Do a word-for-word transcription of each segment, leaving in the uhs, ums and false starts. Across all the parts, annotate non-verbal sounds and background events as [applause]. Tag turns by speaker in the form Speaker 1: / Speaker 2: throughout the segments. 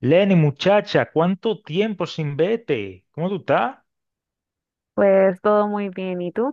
Speaker 1: Lenny, muchacha, ¿cuánto tiempo sin vete? ¿Cómo tú estás?
Speaker 2: Pues todo muy bien, ¿y tú?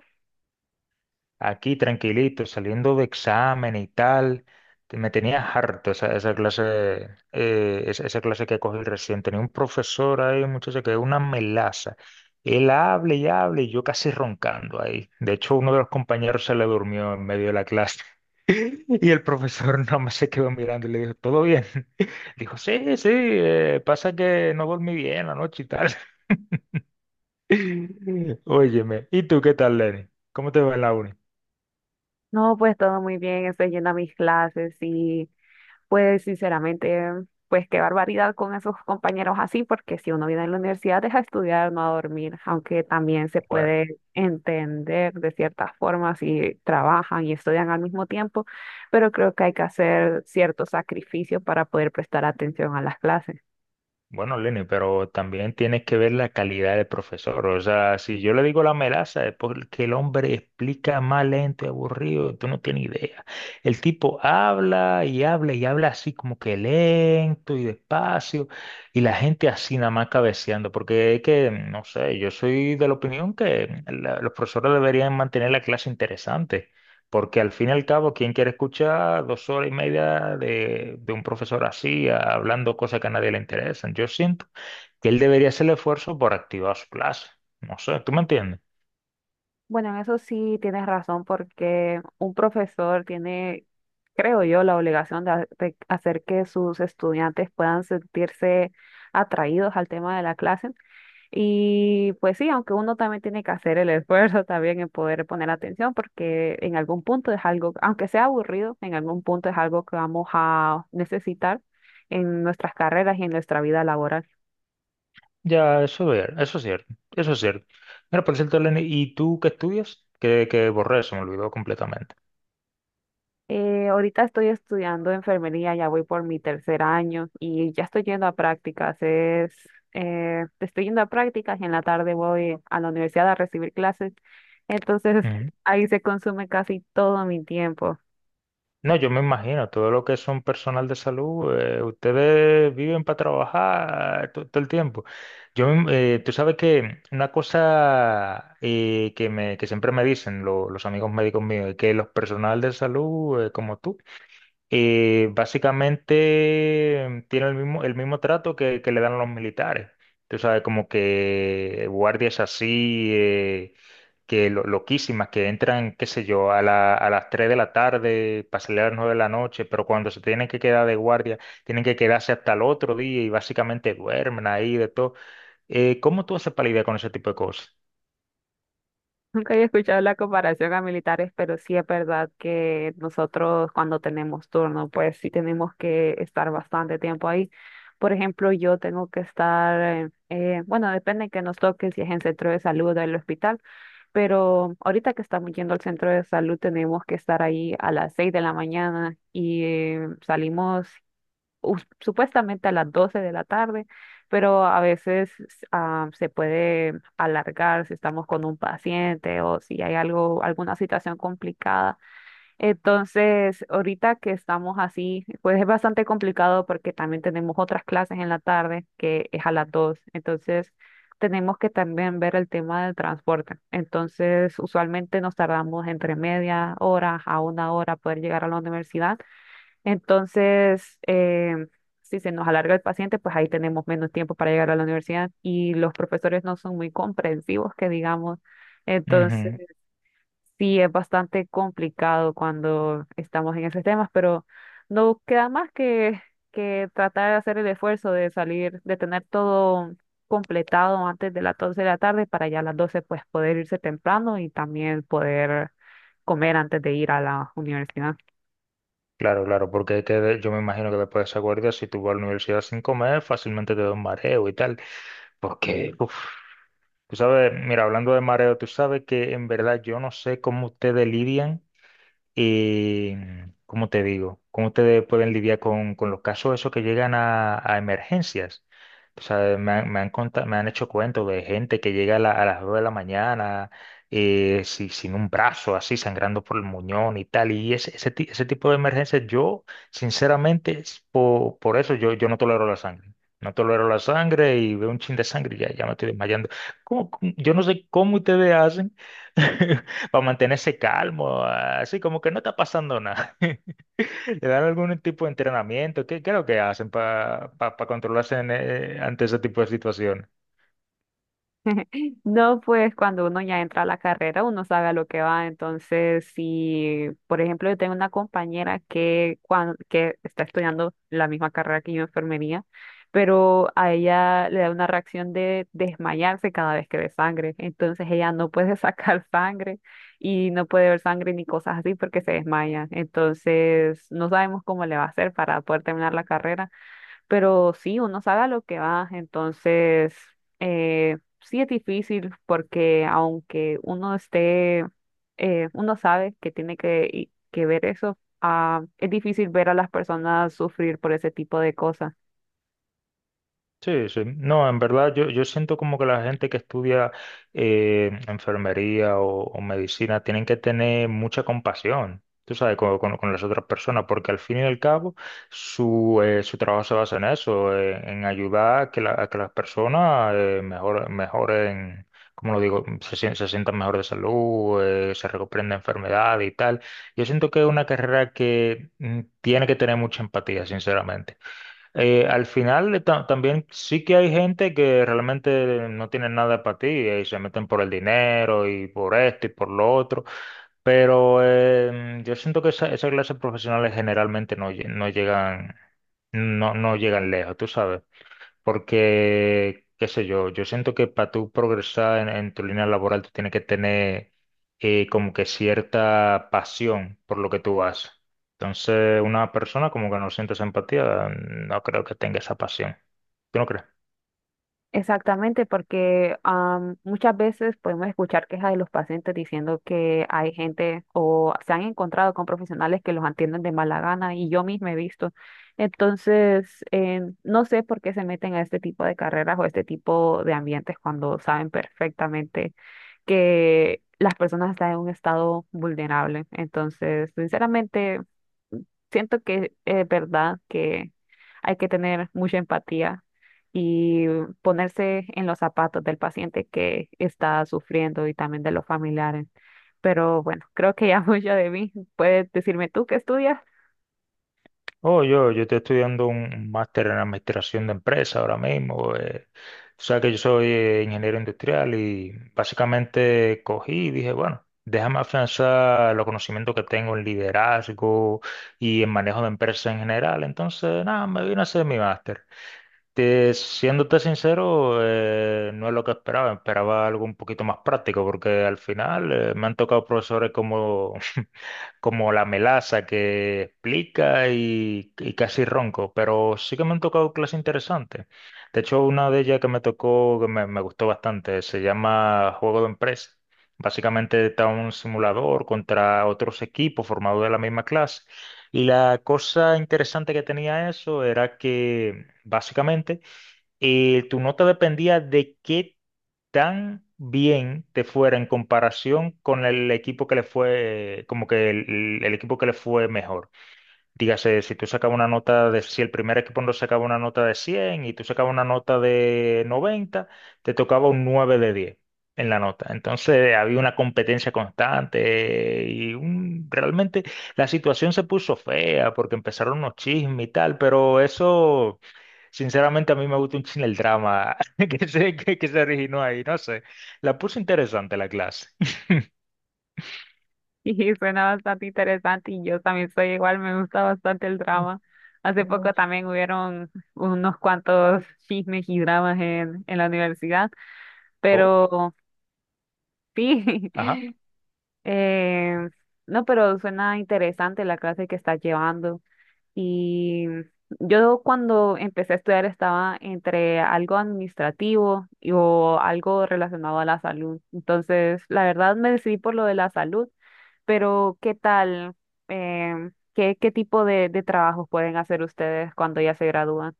Speaker 1: Aquí tranquilito, saliendo de examen y tal. Te- Me tenía harto esa, esa clase, eh, esa, esa clase que cogí recién. Tenía un profesor ahí, muchacha, que es una melaza. Él habla y habla y yo casi roncando ahí. De hecho, uno de los compañeros se le durmió en medio de la clase. [laughs] Y el profesor [laughs] nada más se quedó mirando y le dijo, ¿todo bien? [laughs] Dijo, sí, sí, eh, pasa que no dormí bien la noche y tal. [laughs] Óyeme, ¿y tú qué tal, Lenny? ¿Cómo te va en la uni?
Speaker 2: No, pues todo muy bien, estoy yendo a mis clases y pues sinceramente, pues qué barbaridad con esos compañeros así, porque si uno viene a la universidad es a estudiar, no a dormir, aunque también se
Speaker 1: Bueno,
Speaker 2: puede entender de ciertas formas si trabajan y estudian al mismo tiempo, pero creo que hay que hacer ciertos sacrificios para poder prestar atención a las clases.
Speaker 1: bueno, Lenny, pero también tienes que ver la calidad del profesor. O sea, si yo le digo la melaza, es porque el hombre explica más lento y aburrido, tú no tienes idea. El tipo habla y habla y habla así como que lento y despacio, y la gente así nada más cabeceando, porque es que, no sé, yo soy de la opinión que la- los profesores deberían mantener la clase interesante. Porque al fin y al cabo, ¿quién quiere escuchar dos horas y media de, de un profesor así, a- hablando cosas que a nadie le interesan? Yo siento que él debería hacer el esfuerzo por activar su clase. No sé, ¿tú me entiendes?
Speaker 2: Bueno, en eso sí tienes razón, porque un profesor tiene, creo yo, la obligación de, ha- de hacer que sus estudiantes puedan sentirse atraídos al tema de la clase. Y pues sí, aunque uno también tiene que hacer el [laughs] esfuerzo también en poder poner atención, porque en algún punto es algo, aunque sea aburrido, en algún punto es algo que vamos a necesitar en nuestras carreras y en nuestra vida laboral.
Speaker 1: Ya, eso es, eso es cierto, eso es cierto. Mira, por cierto, Lenny, ¿y tú qué estudias? Que, que borré, se me olvidó completamente.
Speaker 2: Eh, ahorita estoy estudiando enfermería, ya voy por mi tercer año y ya estoy yendo a prácticas. Es, eh, estoy yendo a prácticas y en la tarde voy a la universidad a recibir clases. Entonces ahí se consume casi todo mi tiempo.
Speaker 1: No, yo me imagino, todo lo que son personal de salud, eh, ustedes viven para trabajar to- todo, el tiempo. Yo, me- eh, tú sabes que una cosa eh, que, me, que siempre me dicen lo- los amigos médicos míos es que los personal de salud, eh, como tú, y básicamente tiene el mismo, el mismo trato que, que le dan a los militares. Tú sabes, como que guardias así, eh, que lo- loquísimas, que entran, qué sé yo, a la- a las tres de la tarde para salir a las nueve de la noche, pero cuando se tienen que quedar de guardia, tienen que quedarse hasta el otro día y básicamente duermen ahí de todo. Eh, ¿cómo tú haces para lidiar con ese tipo de cosas?
Speaker 2: Nunca había escuchado la comparación a militares, pero sí es verdad que nosotros cuando tenemos turno, pues sí tenemos que estar bastante tiempo ahí. Por ejemplo, yo tengo que estar, eh, eh, bueno, depende que nos toque, si es en centro de salud o el hospital, pero ahorita que estamos yendo al centro de salud tenemos que estar ahí a las seis de la mañana y eh, salimos us- supuestamente a las doce de la tarde, pero a veces ah, se puede alargar si estamos con un paciente o si hay algo, alguna situación complicada. Entonces, ahorita que estamos así, pues es bastante complicado porque también tenemos otras clases en la tarde que es a las dos. Entonces, tenemos que también ver el tema del transporte. Entonces, usualmente nos tardamos entre media hora a una hora poder llegar a la universidad entonces, em, si se nos alarga el paciente, pues ahí tenemos menos tiempo para llegar a la universidad y los profesores no son muy comprensivos, que digamos. Entonces,
Speaker 1: Ujú.
Speaker 2: sí es bastante complicado cuando estamos en esos temas, pero no queda más que, que tratar de hacer el esfuerzo de salir, de tener todo completado antes de las doce de la tarde para ya a las doce pues poder irse temprano y también poder comer antes de ir a la universidad.
Speaker 1: Claro, claro, porque hay que, de- yo me imagino que después de esa guardia, si tú vas a la universidad sin comer, fácilmente te da un mareo y tal. Porque, uf, tú sabes, mira, hablando de mareo, tú sabes que en verdad yo no sé cómo ustedes lidian. Y, ¿cómo te digo? ¿Cómo ustedes pueden lidiar con, con los casos esos que llegan a, a emergencias? O sea, me han, me han, conta- me han hecho cuentos de gente que llega a, la- a las dos de la mañana eh, si- sin un brazo, así sangrando por el muñón y tal. Y ese, ese, ti- ese tipo de emergencias, yo, sinceramente, es por por, eso yo, yo no tolero la sangre. No tolero la sangre y veo un chin de sangre y ya, ya me estoy desmayando. ¿Cómo- cómo? Yo no sé cómo ustedes hacen [laughs] [laughs] para mantenerse calmo, así como que no está pasando nada. [laughs] ¿Le dan algún tipo de entrenamiento? ¿Qué, qué es lo que hacen para controlarse en, eh, ante ese tipo de situaciones?
Speaker 2: No, pues cuando uno ya entra a la carrera, uno sabe a lo que va. Entonces, si, por ejemplo, yo tengo una compañera que, cuan- que está estudiando la misma carrera que yo, enfermería, pero a ella le da una reacción de desmayarse cada vez que ve sangre. Entonces, ella no puede [laughs] sacar sangre y no puede ver sangre ni cosas así porque se desmaya. Entonces, no sabemos cómo le va a hacer para poder terminar la carrera pero sí, uno sabe a lo que va, entonces eh, sí es difícil porque aunque uno esté, eh, uno sabe que tiene que, y- que ver eso, ah, es difícil ver a las personas sufrir por ese tipo de cosas.
Speaker 1: Sí, sí. No, en verdad yo, yo, siento como que la gente que estudia eh, enfermería o, o medicina tienen que tener mucha compasión, tú sabes, con, con- con las otras personas, porque al fin y al cabo su, eh, su trabajo se basa en eso, eh, en ayudar a que, la- a que las personas eh, mejor, mejoren, como lo digo, se, sien- se sientan mejor de salud, eh, se recuperen de enfermedades y tal. Yo siento que es una carrera que mm, tiene que tener mucha empatía, sinceramente. Eh, al final eh, ta- también sí que hay gente que realmente no tiene nada para ti, eh, y se meten por el dinero y por esto y por lo otro, pero em, yo siento que esa, esa clase de profesionales generalmente no, lle- no llegan, no, no llegan lejos, tú sabes. Porque, qué sé yo, yo siento que para tú progresar en, en tu línea laboral, tú tienes que tener eh, como que cierta pasión por lo que tú haces. Entonces, una persona como que no siente esa empatía, no creo que tenga esa pasión. ¿Tú no crees?
Speaker 2: Exactamente, porque am, muchas veces podemos escuchar quejas de los pacientes diciendo que hay gente o se han encontrado con profesionales que los atienden de mala gana y yo misma he visto. Entonces, eh, no sé por qué se meten a este tipo de carreras o este tipo de ambientes cuando saben perfectamente que las personas están en un estado vulnerable. Entonces, sinceramente siento que es verdad que hay que tener mucha empatía y ponerse en los zapatos del paciente que está sufriendo y también de los familiares. Pero bueno, creo que ya [laughs] mucho de mí. Puedes decirme tú qué estudias.
Speaker 1: Oh, yo, yo estoy estudiando un máster en administración de empresas ahora mismo. Eh, tú sabes que yo soy eh, ingeniero industrial y básicamente cogí y dije, bueno, déjame afianzar los conocimientos que tengo en liderazgo y en manejo de empresas en general. Entonces, nada, me vine a hacer mi máster. Te- siéndote sincero, eh, no es lo que esperaba. Esperaba algo un poquito más práctico porque al final eh, me han tocado profesores como [laughs] como la melaza que explica y, y casi ronco, pero sí que me han tocado clases interesantes. De hecho, una de ellas que me tocó, que me, me gustó bastante, se llama Juego de Empresa. Básicamente está un simulador contra otros equipos formados de la misma clase. Y la cosa interesante que tenía eso era que básicamente eh, tu nota dependía de qué tan bien te fuera en comparación con el equipo que le fue, como que el, el equipo que le fue mejor. Dígase, si tú sacabas una nota de, si el primer equipo no sacaba una nota de cien y tú sacabas una nota de noventa, te tocaba un nueve de diez en la nota. Entonces había una competencia constante y un- realmente la situación se puso fea porque empezaron unos chismes y tal, pero eso, sinceramente, a mí me gusta un chin el drama [laughs] que se, que, que se originó ahí, no sé. La puso interesante la clase.
Speaker 2: [laughs] Y suena bastante interesante y yo también soy igual, me gusta bastante el drama.
Speaker 1: [laughs]
Speaker 2: Hace poco también hubieron unos cuantos chismes y dramas en, en la universidad,
Speaker 1: Oh,
Speaker 2: pero sí,
Speaker 1: ajá.
Speaker 2: [laughs] Eh, no, pero suena interesante la clase que estás llevando. Y yo cuando empecé a estudiar estaba entre algo administrativo y, o algo relacionado a la salud. Entonces, la verdad me decidí por lo de la salud, pero ¿qué tal? em, ¿qué, qué tipo de, de trabajos pueden hacer ustedes cuando ya se gradúan?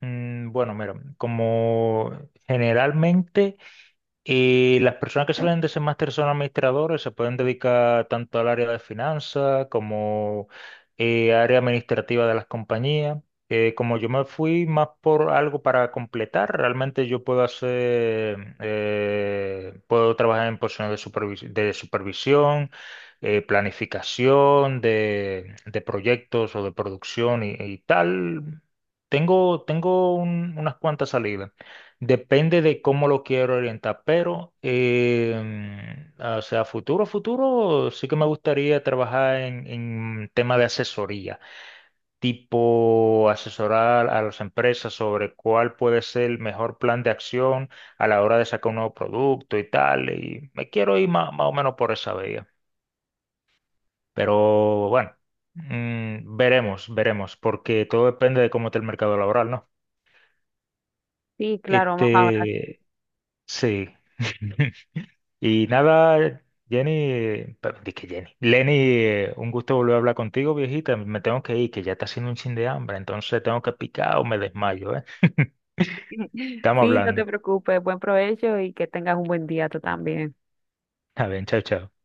Speaker 1: Mm, Bueno, mira, como generalmente y las personas que salen de ese máster son administradores, se pueden dedicar tanto al área de finanzas como eh, área administrativa de las compañías. Eh, como yo me fui más por algo para completar, realmente yo puedo hacer, eh, puedo trabajar en posiciones de supervis- de supervisión, eh, planificación de, de proyectos o de producción y, y tal. Tengo, tengo un- unas cuantas salidas. Depende de cómo lo quiero orientar, pero, em, o sea, futuro, futuro, sí que me gustaría trabajar en, en tema de asesoría, tipo asesorar a las empresas sobre cuál puede ser el mejor plan de acción a la hora de sacar un nuevo producto y tal, y me quiero ir ma- más o menos por esa vía, pero bueno, mm, veremos, veremos, porque todo depende de cómo está el mercado laboral, ¿no?
Speaker 2: Sí, claro, más ahora.
Speaker 1: Este, sí. [laughs] Y nada, Jenny, perdón, que Jenny, Lenny, eh, un gusto volver a hablar contigo, viejita. Me tengo que ir, que ya está haciendo un chin de hambre, entonces tengo que picar o me desmayo, ¿eh? [laughs]
Speaker 2: [laughs]
Speaker 1: Estamos
Speaker 2: Sí, no te
Speaker 1: hablando.
Speaker 2: preocupes. Buen provecho y que tengas un buen día tú también.
Speaker 1: Está bien, chao, chao.